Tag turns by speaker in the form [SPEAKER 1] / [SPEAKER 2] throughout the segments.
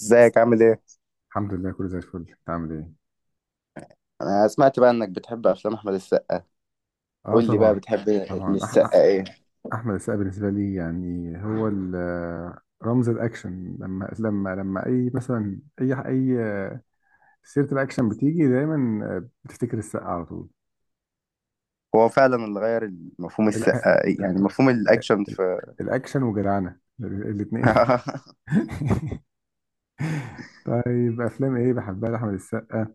[SPEAKER 1] ازيك عامل ايه؟
[SPEAKER 2] الحمد لله، كله زي الفل. انت عامل ايه؟
[SPEAKER 1] انا سمعت بقى انك بتحب افلام احمد السقا.
[SPEAKER 2] اه
[SPEAKER 1] قول لي بقى
[SPEAKER 2] طبعا.
[SPEAKER 1] بتحب
[SPEAKER 2] طبعا أح أح
[SPEAKER 1] للسقا ايه؟
[SPEAKER 2] احمد السقا بالنسبه لي، يعني هو رمز الاكشن. لما اي، مثلا، اي سيره الاكشن بتيجي دايما بتفتكر السقا على طول.
[SPEAKER 1] هو فعلا اللي غير مفهوم
[SPEAKER 2] الأ-
[SPEAKER 1] السقا إيه؟
[SPEAKER 2] الأ-
[SPEAKER 1] يعني مفهوم الاكشن في
[SPEAKER 2] الاكشن وجدعنه الاثنين. طيب، افلام ايه بحبها لاحمد السقا؟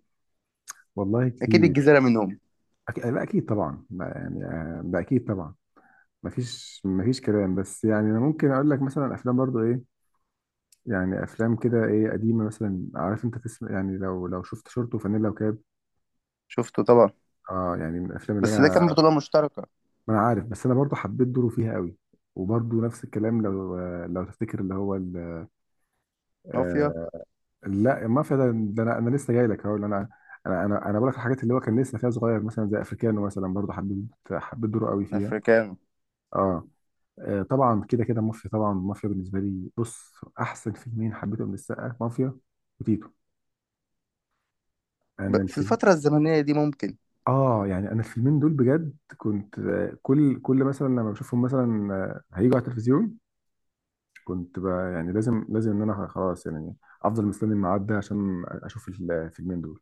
[SPEAKER 2] والله
[SPEAKER 1] اكيد
[SPEAKER 2] كتير.
[SPEAKER 1] الجزيرة منهم.
[SPEAKER 2] لا، اكيد طبعا، ما يعني، ده اكيد طبعا. مفيش كلام، بس يعني انا ممكن اقول لك مثلا افلام برضو، ايه يعني، افلام كده، ايه، قديمه مثلا، عارف انت، تسمع يعني، لو شفت شورت وفانيلا وكاب.
[SPEAKER 1] شفته طبعا.
[SPEAKER 2] اه، يعني من الافلام اللي
[SPEAKER 1] بس ده كان
[SPEAKER 2] انا،
[SPEAKER 1] بطولة مشتركة.
[SPEAKER 2] ما انا عارف، بس انا برضو حبيت دوره فيها قوي. وبرضو نفس الكلام، لو تفتكر اللي هو
[SPEAKER 1] مافيا.
[SPEAKER 2] آه لا، المافيا ده انا لسه جاي لك هقول. انا انا بقول لك الحاجات اللي هو كان لسه فيها صغير، مثلا زي افريكانو، مثلا برضو حبيت دوره قوي فيها.
[SPEAKER 1] افريكانو.
[SPEAKER 2] اه. طبعا كده كده مافيا، طبعا مافيا بالنسبه لي. بص، احسن فيلمين حبيتهم للسقا مافيا وتيتو. انا
[SPEAKER 1] في
[SPEAKER 2] الفيلم،
[SPEAKER 1] الفترة الزمنية دي ممكن.
[SPEAKER 2] اه يعني، انا الفيلمين دول بجد كنت، كل مثلا لما بشوفهم، مثلا، هيجوا على التلفزيون كنت بقى، يعني، لازم ان انا خلاص، يعني افضل مستني الميعاد ده عشان اشوف الفيلمين دول.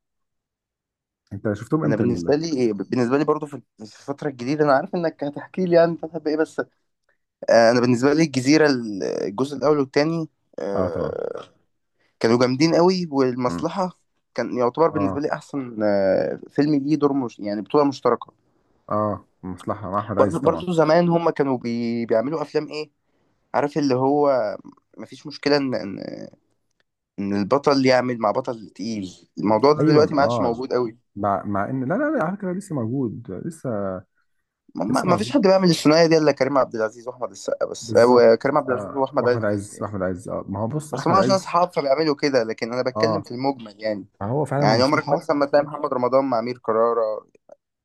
[SPEAKER 2] انت شفتهم
[SPEAKER 1] انا
[SPEAKER 2] امتى
[SPEAKER 1] بالنسبة لي إيه، بالنسبة لي برضو في الفترة الجديدة. انا عارف انك هتحكي لي يعني بتحب ايه، بس انا بالنسبة لي الجزيرة، الجزء الاول والتاني.
[SPEAKER 2] اه طبعا.
[SPEAKER 1] آه، كانوا جامدين قوي،
[SPEAKER 2] مم.
[SPEAKER 1] والمصلحة كان يعتبر بالنسبة
[SPEAKER 2] اه،
[SPEAKER 1] لي أحسن فيلم ليه دور مش يعني بطولة مشتركة.
[SPEAKER 2] اه، مصلحة مع احمد عز
[SPEAKER 1] برضو,
[SPEAKER 2] طبعا.
[SPEAKER 1] برضو زمان هما كانوا بيعملوا أفلام إيه؟ عارف اللي هو مفيش مشكلة إن إن البطل يعمل مع بطل تقيل، الموضوع ده دلوقتي
[SPEAKER 2] ايوه،
[SPEAKER 1] ما عادش
[SPEAKER 2] اه.
[SPEAKER 1] موجود قوي.
[SPEAKER 2] مع ان، لا لا لا، على فكرة لسه موجود لسه.
[SPEAKER 1] ما
[SPEAKER 2] لسه
[SPEAKER 1] ما فيش
[SPEAKER 2] موجود.
[SPEAKER 1] حد بيعمل الثنائية دي إلا كريم عبد العزيز وأحمد السقا بس،
[SPEAKER 2] بالظبط.
[SPEAKER 1] أو كريم عبد العزيز وأحمد
[SPEAKER 2] واحمد
[SPEAKER 1] عز بس،
[SPEAKER 2] عز
[SPEAKER 1] يعني
[SPEAKER 2] واحمد عز اه، ما هو بص،
[SPEAKER 1] بس ما
[SPEAKER 2] احمد
[SPEAKER 1] عشان
[SPEAKER 2] عز.
[SPEAKER 1] أصحاب فبيعملوا كده، لكن أنا بتكلم
[SPEAKER 2] اه،
[SPEAKER 1] في المجمل يعني.
[SPEAKER 2] ما هو فعلا
[SPEAKER 1] يعني عمرك
[SPEAKER 2] المصلحة.
[SPEAKER 1] مثلا ما تلاقي محمد رمضان مع أمير كرارة.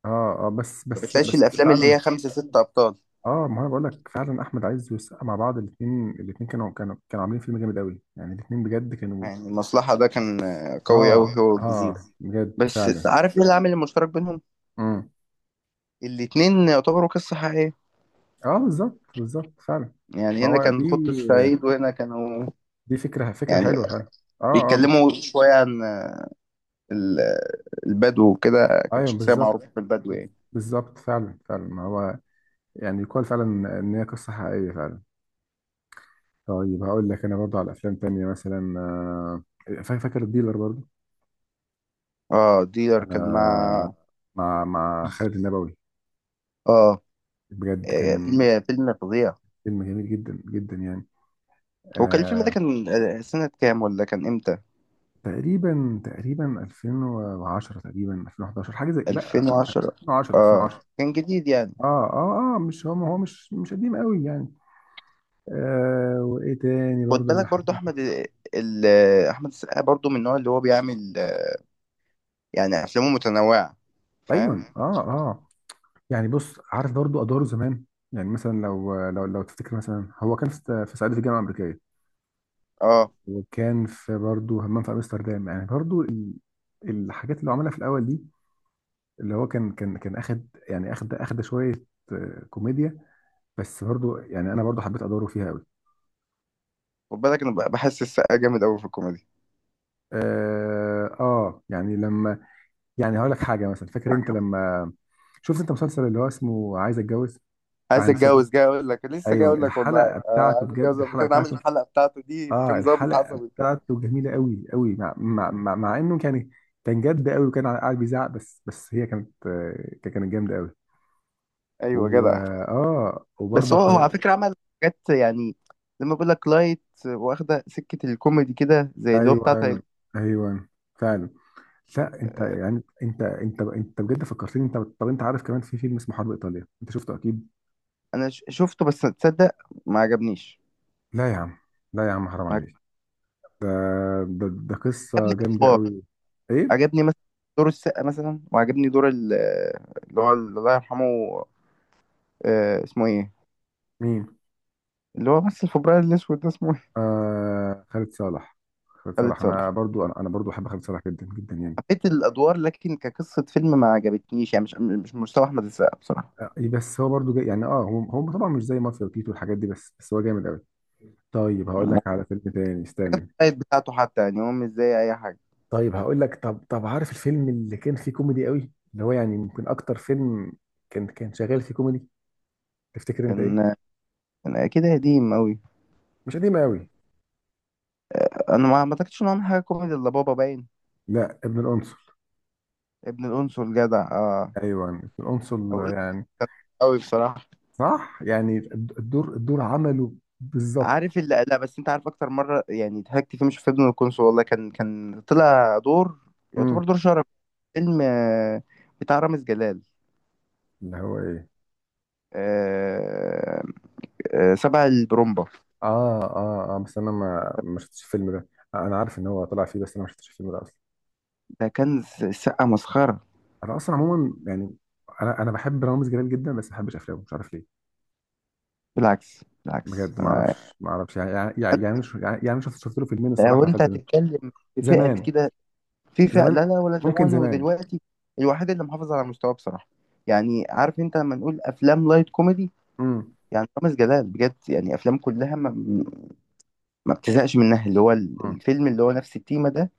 [SPEAKER 2] اه، اه، بس
[SPEAKER 1] ما
[SPEAKER 2] بس
[SPEAKER 1] بتلاقيش
[SPEAKER 2] بس
[SPEAKER 1] الافلام اللي
[SPEAKER 2] فعلا.
[SPEAKER 1] هي خمسة ستة ابطال.
[SPEAKER 2] اه، ما انا بقول لك فعلا احمد عز والسقا مع بعض. الاثنين كانوا عاملين فيلم جامد قوي، يعني الاثنين بجد كانوا.
[SPEAKER 1] يعني المصلحة ده كان قوي
[SPEAKER 2] اه،
[SPEAKER 1] قوي، هو
[SPEAKER 2] اه، اه،
[SPEAKER 1] والجزيرة.
[SPEAKER 2] بجد
[SPEAKER 1] بس
[SPEAKER 2] فعلا.
[SPEAKER 1] عارف ايه العامل المشترك بينهم؟
[SPEAKER 2] امم.
[SPEAKER 1] الاتنين يعتبروا قصة حقيقية.
[SPEAKER 2] اه، بالظبط بالظبط فعلا.
[SPEAKER 1] يعني
[SPEAKER 2] ما
[SPEAKER 1] هنا
[SPEAKER 2] هو دي،
[SPEAKER 1] كان خط الصعيد، وهنا كانوا
[SPEAKER 2] دي فكره
[SPEAKER 1] يعني
[SPEAKER 2] حلوه فعلا. اه، اه،
[SPEAKER 1] بيتكلموا شوية عن البدو وكده. كانت
[SPEAKER 2] ايوه
[SPEAKER 1] شخصية
[SPEAKER 2] بالظبط
[SPEAKER 1] معروفة في البدو يعني.
[SPEAKER 2] بالظبط فعلا فعلا، ما هو يعني يقال فعلا ان هي قصه حقيقيه فعلا. طيب هقول لك انا برضو على افلام تانية مثلا، فاكر الديلر برضو؟
[SPEAKER 1] اه، ديلر كان مع.
[SPEAKER 2] انا، مع خالد النبوي.
[SPEAKER 1] اه.
[SPEAKER 2] بجد كان
[SPEAKER 1] فيلم فظيع.
[SPEAKER 2] فيلم جميل جدا جدا، يعني.
[SPEAKER 1] هو كان الفيلم ده
[SPEAKER 2] آه
[SPEAKER 1] كان سنة كام، ولا كان امتى؟
[SPEAKER 2] تقريبا 2010، تقريبا 2011، حاجه زي، لا،
[SPEAKER 1] 2010.
[SPEAKER 2] 2010.
[SPEAKER 1] اه،
[SPEAKER 2] 2010.
[SPEAKER 1] كان جديد يعني.
[SPEAKER 2] اه، اه، اه، مش هو هو مش قديم قوي يعني. وايه تاني
[SPEAKER 1] خد
[SPEAKER 2] برضو اللي
[SPEAKER 1] بالك،
[SPEAKER 2] حب؟
[SPEAKER 1] برضو احمد، ال... احمد السقا برضو من النوع اللي هو بيعمل، يعني افلامه متنوعه،
[SPEAKER 2] ايوه،
[SPEAKER 1] فاهم؟
[SPEAKER 2] اه، اه، يعني بص، عارف برضو ادواره زمان. يعني مثلا، لو تفتكر، مثلا، هو كان في، في صعيدي في الجامعه الامريكيه،
[SPEAKER 1] اه.
[SPEAKER 2] وكان في برضو همام في امستردام. يعني برضو الحاجات اللي هو عملها في الاول دي، اللي هو كان اخد، يعني، اخد شويه كوميديا. بس برضو، يعني، انا برضو حبيت ادوره فيها قوي.
[SPEAKER 1] خد بالك، انا بحس السقا جامد قوي في الكوميدي.
[SPEAKER 2] يعني لما، يعني هقول لك حاجه، مثلا، فاكر انت لما شفت انت مسلسل اللي هو اسمه عايز اتجوز بتاع
[SPEAKER 1] عايز
[SPEAKER 2] هند صبري؟
[SPEAKER 1] اتجوز، جاي اقول لك، لسه جاي
[SPEAKER 2] ايوه،
[SPEAKER 1] اقول لك والله.
[SPEAKER 2] الحلقه
[SPEAKER 1] آه،
[SPEAKER 2] بتاعته،
[SPEAKER 1] عايز اتجوز
[SPEAKER 2] بجد
[SPEAKER 1] لما
[SPEAKER 2] الحلقه
[SPEAKER 1] كان عامل
[SPEAKER 2] بتاعته.
[SPEAKER 1] الحلقه بتاعته دي،
[SPEAKER 2] اه،
[SPEAKER 1] وكان ظابط
[SPEAKER 2] الحلقه
[SPEAKER 1] عصبي.
[SPEAKER 2] بتاعته جميله قوي قوي. مع انه كان، كان جد قوي وكان قاعد بيزعق، بس هي كانت، كانت جامده قوي.
[SPEAKER 1] ايوه،
[SPEAKER 2] و
[SPEAKER 1] جدع.
[SPEAKER 2] اه
[SPEAKER 1] بس
[SPEAKER 2] وبرضو
[SPEAKER 1] هو على فكره عمل حاجات يعني. لما بقول لك لايت واخده سكه الكوميدي كده، زي اللي هو بتاع
[SPEAKER 2] ايوه،
[SPEAKER 1] طيب.
[SPEAKER 2] ايوه، فعلا. لا، انت يعني، انت بجد فكرتني انت. طب، انت عارف كمان في فيلم اسمه حرب ايطاليا، انت شفته اكيد؟
[SPEAKER 1] انا شفته، بس تصدق، ما عجبنيش.
[SPEAKER 2] لا يا عم، لا يا عم، حرام
[SPEAKER 1] ما
[SPEAKER 2] عليك. ده، ده قصه
[SPEAKER 1] عجبني،
[SPEAKER 2] جامده قوي. ايه؟
[SPEAKER 1] عجبني مثلا دور السقا، مثلا، وعجبني دور اللي هو الله يرحمه، اسمه ايه،
[SPEAKER 2] مين؟
[SPEAKER 1] اللي هو مثل في ابراهيم الاسود ده، اسمه ايه؟
[SPEAKER 2] خالد صالح. خالد
[SPEAKER 1] خالد
[SPEAKER 2] صالح، انا
[SPEAKER 1] صالح.
[SPEAKER 2] برضو، انا برضو بحب خالد صالح جدا جدا، يعني
[SPEAKER 1] حبيت الادوار، لكن كقصه فيلم ما عجبتنيش يعني، مش مستوى احمد السقا بصراحه.
[SPEAKER 2] إيه، بس هو برضو جاي يعني، اه، هو طبعا مش زي مافيا وتيتو والحاجات دي، بس هو جامد قوي. طيب هقول لك
[SPEAKER 1] الموبايل
[SPEAKER 2] على فيلم تاني، استنى.
[SPEAKER 1] بتاعته حتى يعني هو مش زي اي حاجه.
[SPEAKER 2] طيب هقول لك، طب عارف الفيلم اللي كان فيه كوميدي قوي، اللي هو، يعني، يمكن اكتر فيلم كان شغال فيه كوميدي؟ تفتكر انت ايه؟
[SPEAKER 1] كان كان كده قديم قوي.
[SPEAKER 2] مش قديمه قوي.
[SPEAKER 1] انا ما اعتقدش ان هو عمل حاجه كوميدي الا بابا باين.
[SPEAKER 2] لا، ابن القنصل.
[SPEAKER 1] ابن الانصل، جدع، اه.
[SPEAKER 2] ايوه، ابن القنصل
[SPEAKER 1] اقول
[SPEAKER 2] يعني.
[SPEAKER 1] قوي بصراحه.
[SPEAKER 2] صح، يعني الدور عمله بالظبط.
[SPEAKER 1] عارف اللي، لا، بس انت عارف اكتر مره يعني ضحكت فيه مش في ابن القنصل والله، كان طلع دور
[SPEAKER 2] امم.
[SPEAKER 1] يعتبر دور شرف. فيلم بتاع رامز جلال،
[SPEAKER 2] اللي هو ايه؟
[SPEAKER 1] آه، سبع البرومبا.
[SPEAKER 2] اه، اه، اه، بس انا ما شفتش الفيلم ده. انا عارف ان هو طلع فيه، بس انا ما شفتش الفيلم ده اصلا.
[SPEAKER 1] ده كان سقه مسخره.
[SPEAKER 2] انا اصلا عموما يعني، انا بحب رامز جلال جدا، بس ما بحبش افلامه، مش عارف ليه.
[SPEAKER 1] بالعكس، بالعكس،
[SPEAKER 2] بجد، ما اعرفش ما اعرفش يعني شفت له فيلمين، الصراحه
[SPEAKER 1] لو انت
[SPEAKER 2] اتقفلت منهم.
[SPEAKER 1] هتتكلم في فئه
[SPEAKER 2] زمان.
[SPEAKER 1] كده، في فئه لا
[SPEAKER 2] زمان،
[SPEAKER 1] لا، ولا
[SPEAKER 2] ممكن
[SPEAKER 1] زمان
[SPEAKER 2] زمان.
[SPEAKER 1] ودلوقتي، الوحيد اللي محافظ على مستواه بصراحه. يعني عارف انت لما نقول افلام لايت كوميدي،
[SPEAKER 2] امم
[SPEAKER 1] يعني رامز جلال بجد يعني افلام كلها ما بتزهقش منها. اللي هو الفيلم اللي هو نفس التيمة ده،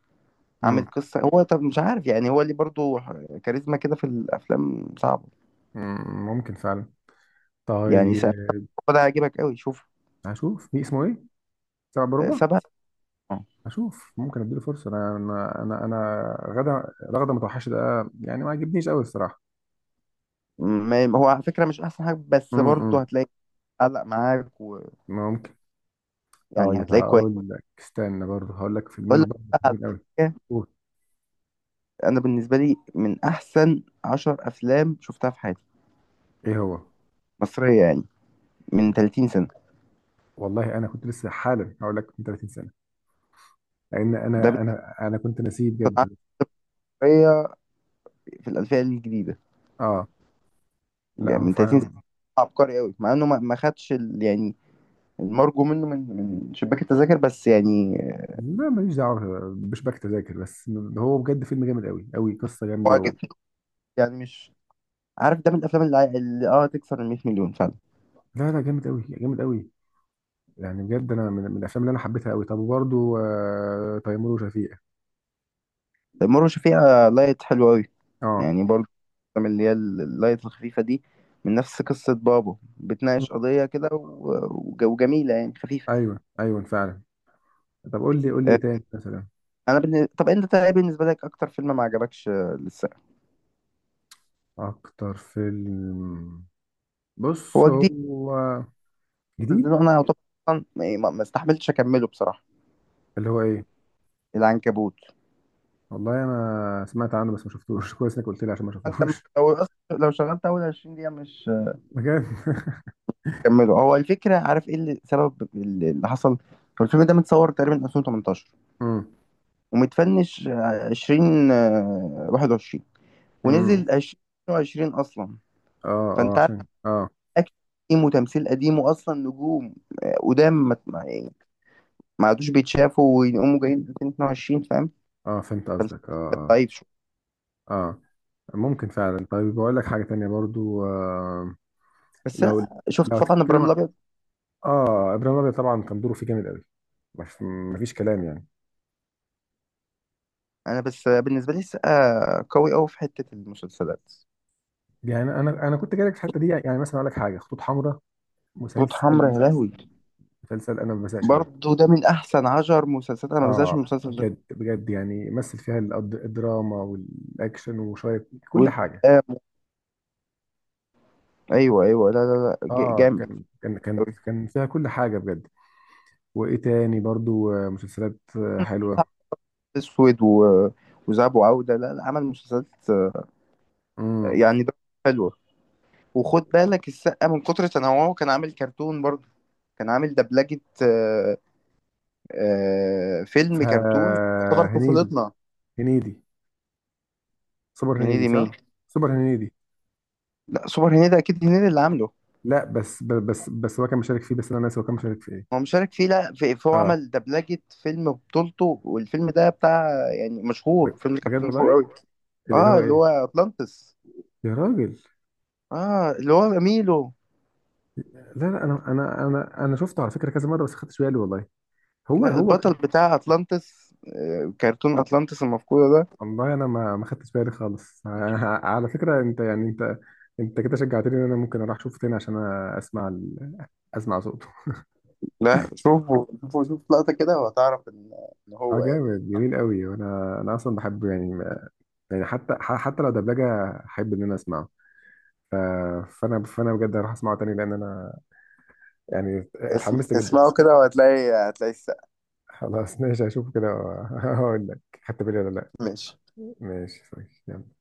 [SPEAKER 2] امم
[SPEAKER 1] عامل قصة، هو طب مش عارف يعني هو ليه برضو كاريزما كده، في الأفلام صعبة.
[SPEAKER 2] ممكن فعلا.
[SPEAKER 1] يعني
[SPEAKER 2] طيب
[SPEAKER 1] سبعة، هو ده هيعجبك قوي، شوف.
[SPEAKER 2] هشوف. في اسمه ايه؟ سبع بربع.
[SPEAKER 1] سبعة. آه.
[SPEAKER 2] هشوف، ممكن اديله فرصه. أنا غدا رغده متوحشه ده يعني ما عجبنيش قوي الصراحه.
[SPEAKER 1] ما هو على فكرة مش أحسن حاجة، بس برضو
[SPEAKER 2] امم،
[SPEAKER 1] هتلاقي علق معاك،
[SPEAKER 2] ممكن.
[SPEAKER 1] ويعني
[SPEAKER 2] طيب
[SPEAKER 1] هتلاقي كويس.
[SPEAKER 2] هقول لك، استنى برضه، هقول لك
[SPEAKER 1] أقول
[SPEAKER 2] فيلمين
[SPEAKER 1] لك
[SPEAKER 2] برضه
[SPEAKER 1] بقى على
[SPEAKER 2] حلوين قوي.
[SPEAKER 1] حاجة.
[SPEAKER 2] قول.
[SPEAKER 1] أنا بالنسبة لي من أحسن عشر أفلام شفتها في حياتي،
[SPEAKER 2] ايه هو؟
[SPEAKER 1] مصرية يعني، من 30 سنة.
[SPEAKER 2] والله انا كنت لسه حالا هقول لك من 30 سنه، لان
[SPEAKER 1] ده
[SPEAKER 2] انا كنت ناسيه
[SPEAKER 1] بيحصل
[SPEAKER 2] بجد.
[SPEAKER 1] عبقرية في الألفية الجديدة،
[SPEAKER 2] اه. لا،
[SPEAKER 1] يعني
[SPEAKER 2] هو
[SPEAKER 1] من 30 سنة،
[SPEAKER 2] فعلا.
[SPEAKER 1] عبقري قوي، مع إنه ما خدش يعني المرجو منه من شباك التذاكر، بس يعني
[SPEAKER 2] لا، ماليش دعوه، مش بكتب تذاكر بس. هو بجد فيلم جامد قوي قوي، قصه جامده و...
[SPEAKER 1] معجب. يعني مش عارف، ده من الافلام اللي تكسر ال 100 مليون فعلا.
[SPEAKER 2] لا لا، جامد قوي جامد قوي. يعني بجد انا من الافلام اللي انا حبيتها قوي. طب وبرده تيمور وشفيقة.
[SPEAKER 1] المرة شفيقة لايت حلو قوي
[SPEAKER 2] اه.
[SPEAKER 1] يعني. برضه الافلام اللي هي اللايت الخفيفة دي من نفس قصة بابو، بتناقش قضية كده وجميلة يعني، خفيفة.
[SPEAKER 2] ايوه، ايوه، فعلا. طب قول لي قول لي ايه
[SPEAKER 1] آه،
[SPEAKER 2] تاني مثلا؟
[SPEAKER 1] انا طب انت ايه بالنسبة لك اكتر فيلم ما عجبكش لسه
[SPEAKER 2] اكتر فيلم، بص
[SPEAKER 1] هو جديد
[SPEAKER 2] هو، جديد،
[SPEAKER 1] نزله؟ انا يعتبر أصلاً ما استحملتش اكمله بصراحة.
[SPEAKER 2] اللي هو ايه؟
[SPEAKER 1] العنكبوت.
[SPEAKER 2] والله انا سمعت عنه، بس ما شفتوش كويس انك قلت لي عشان ما
[SPEAKER 1] انت
[SPEAKER 2] شفتوش.
[SPEAKER 1] لو لو شغلت اول 20 دقيقة مش
[SPEAKER 2] بجد
[SPEAKER 1] كملوا. هو الفكره، عارف ايه اللي سبب اللي حصل؟ هو الفيلم ده متصور تقريبا 2018،
[SPEAKER 2] امم.
[SPEAKER 1] ومتفنش 20 21،
[SPEAKER 2] امم.
[SPEAKER 1] ونزل 2020 اصلا.
[SPEAKER 2] اه، اه،
[SPEAKER 1] فانت عارف،
[SPEAKER 2] عشان، اه.
[SPEAKER 1] اكشن قديم وتمثيل قديم، واصلا نجوم قدام يعني ما عادوش بيتشافوا، ويقوموا جايين 2022، فاهم؟
[SPEAKER 2] اه، فهمت
[SPEAKER 1] فالفيلم
[SPEAKER 2] قصدك، اه، اه.
[SPEAKER 1] ضعيف شويه.
[SPEAKER 2] اه، ممكن فعلا. طيب بقول لك حاجة تانية برضو،
[SPEAKER 1] بس انا
[SPEAKER 2] لو
[SPEAKER 1] شفت
[SPEAKER 2] لو
[SPEAKER 1] طبعا ابراهيم
[SPEAKER 2] هتتكلم،
[SPEAKER 1] الابيض.
[SPEAKER 2] اه، ابراهيم الابيض طبعا كان دوره فيه جامد قوي، مفيش كلام يعني.
[SPEAKER 1] انا بس بالنسبه لي السقا قوي قوي في حته المسلسلات.
[SPEAKER 2] يعني انا كنت جايلك في الحته دي، يعني مثلا اقول لك حاجه، خطوط حمراء،
[SPEAKER 1] خطوط حمراء
[SPEAKER 2] مسلسل،
[SPEAKER 1] يا لهوي.
[SPEAKER 2] مسلسل انا ما بزهقش منه.
[SPEAKER 1] برضه ده من احسن عشر مسلسلات، انا ما بزهقش من
[SPEAKER 2] اه،
[SPEAKER 1] المسلسل ده.
[SPEAKER 2] بجد بجد، يعني مثل فيها الدراما والاكشن وشويه كل حاجه.
[SPEAKER 1] والآم. ايوه ايوه، لا لا لا،
[SPEAKER 2] اه،
[SPEAKER 1] جامد
[SPEAKER 2] كان كان كان
[SPEAKER 1] أوي.
[SPEAKER 2] كان فيها كل حاجه بجد. وايه تاني برضو، مسلسلات حلوه.
[SPEAKER 1] اسود و... وذهب وعوده، لا لا، عمل مسلسلات
[SPEAKER 2] امم.
[SPEAKER 1] يعني، ده حلوه. وخد بالك السقا من كتر تنوعه كان عامل كرتون برضه. كان عامل دبلجه فيلم كرتون يعتبر
[SPEAKER 2] هنيدي.
[SPEAKER 1] طفولتنا.
[SPEAKER 2] هنيدي. سوبر هنيدي
[SPEAKER 1] هنيدي مين؟
[SPEAKER 2] صح. سوبر هنيدي.
[SPEAKER 1] لا، سوبر هنيدي اكيد هنيدي اللي عامله.
[SPEAKER 2] لا، بس بس هو كان مشارك فيه، بس انا ناسي هو كان مشارك
[SPEAKER 1] هو
[SPEAKER 2] فيه.
[SPEAKER 1] مشارك فيه، لا، فهو
[SPEAKER 2] اه،
[SPEAKER 1] عمل دبلجة فيلم بطولته، والفيلم ده بتاع يعني
[SPEAKER 2] ب-
[SPEAKER 1] مشهور، فيلم
[SPEAKER 2] بجد
[SPEAKER 1] كرتون مشهور
[SPEAKER 2] والله.
[SPEAKER 1] قوي.
[SPEAKER 2] اللي
[SPEAKER 1] اه،
[SPEAKER 2] هو
[SPEAKER 1] اللي
[SPEAKER 2] ايه؟
[SPEAKER 1] هو اطلانتس.
[SPEAKER 2] يا راجل.
[SPEAKER 1] اه، اللي هو ميلو.
[SPEAKER 2] لا لا، انا شفته على فكره كذا مره، بس ما خدتش بالي والله. هو
[SPEAKER 1] لا،
[SPEAKER 2] هو.
[SPEAKER 1] البطل بتاع اطلانتس كرتون اطلانتس المفقودة ده.
[SPEAKER 2] والله انا ما خدتش بالي خالص على فكره. انت يعني، انت، انت كده شجعتني ان انا ممكن اروح اشوفه تاني عشان اسمع اسمع صوته.
[SPEAKER 1] لا، شوفوا شوفوا شوف لقطة كده وهتعرف ان إن
[SPEAKER 2] اه،
[SPEAKER 1] هو ايه.
[SPEAKER 2] جامد جميل قوي. وانا اصلا بحب، يعني، يعني حتى حتى لو دبلجه احب ان انا اسمعه. ف- فانا بجد هروح اسمعه تاني لان انا، يعني، اتحمست جدا.
[SPEAKER 1] اسمعوا كده وهتلاقي هتلاقي السقف.
[SPEAKER 2] خلاص، ماشي، هشوفه كده واقول لك خدت بالي ولا لا.
[SPEAKER 1] ماشي.
[SPEAKER 2] ماشي صحيح.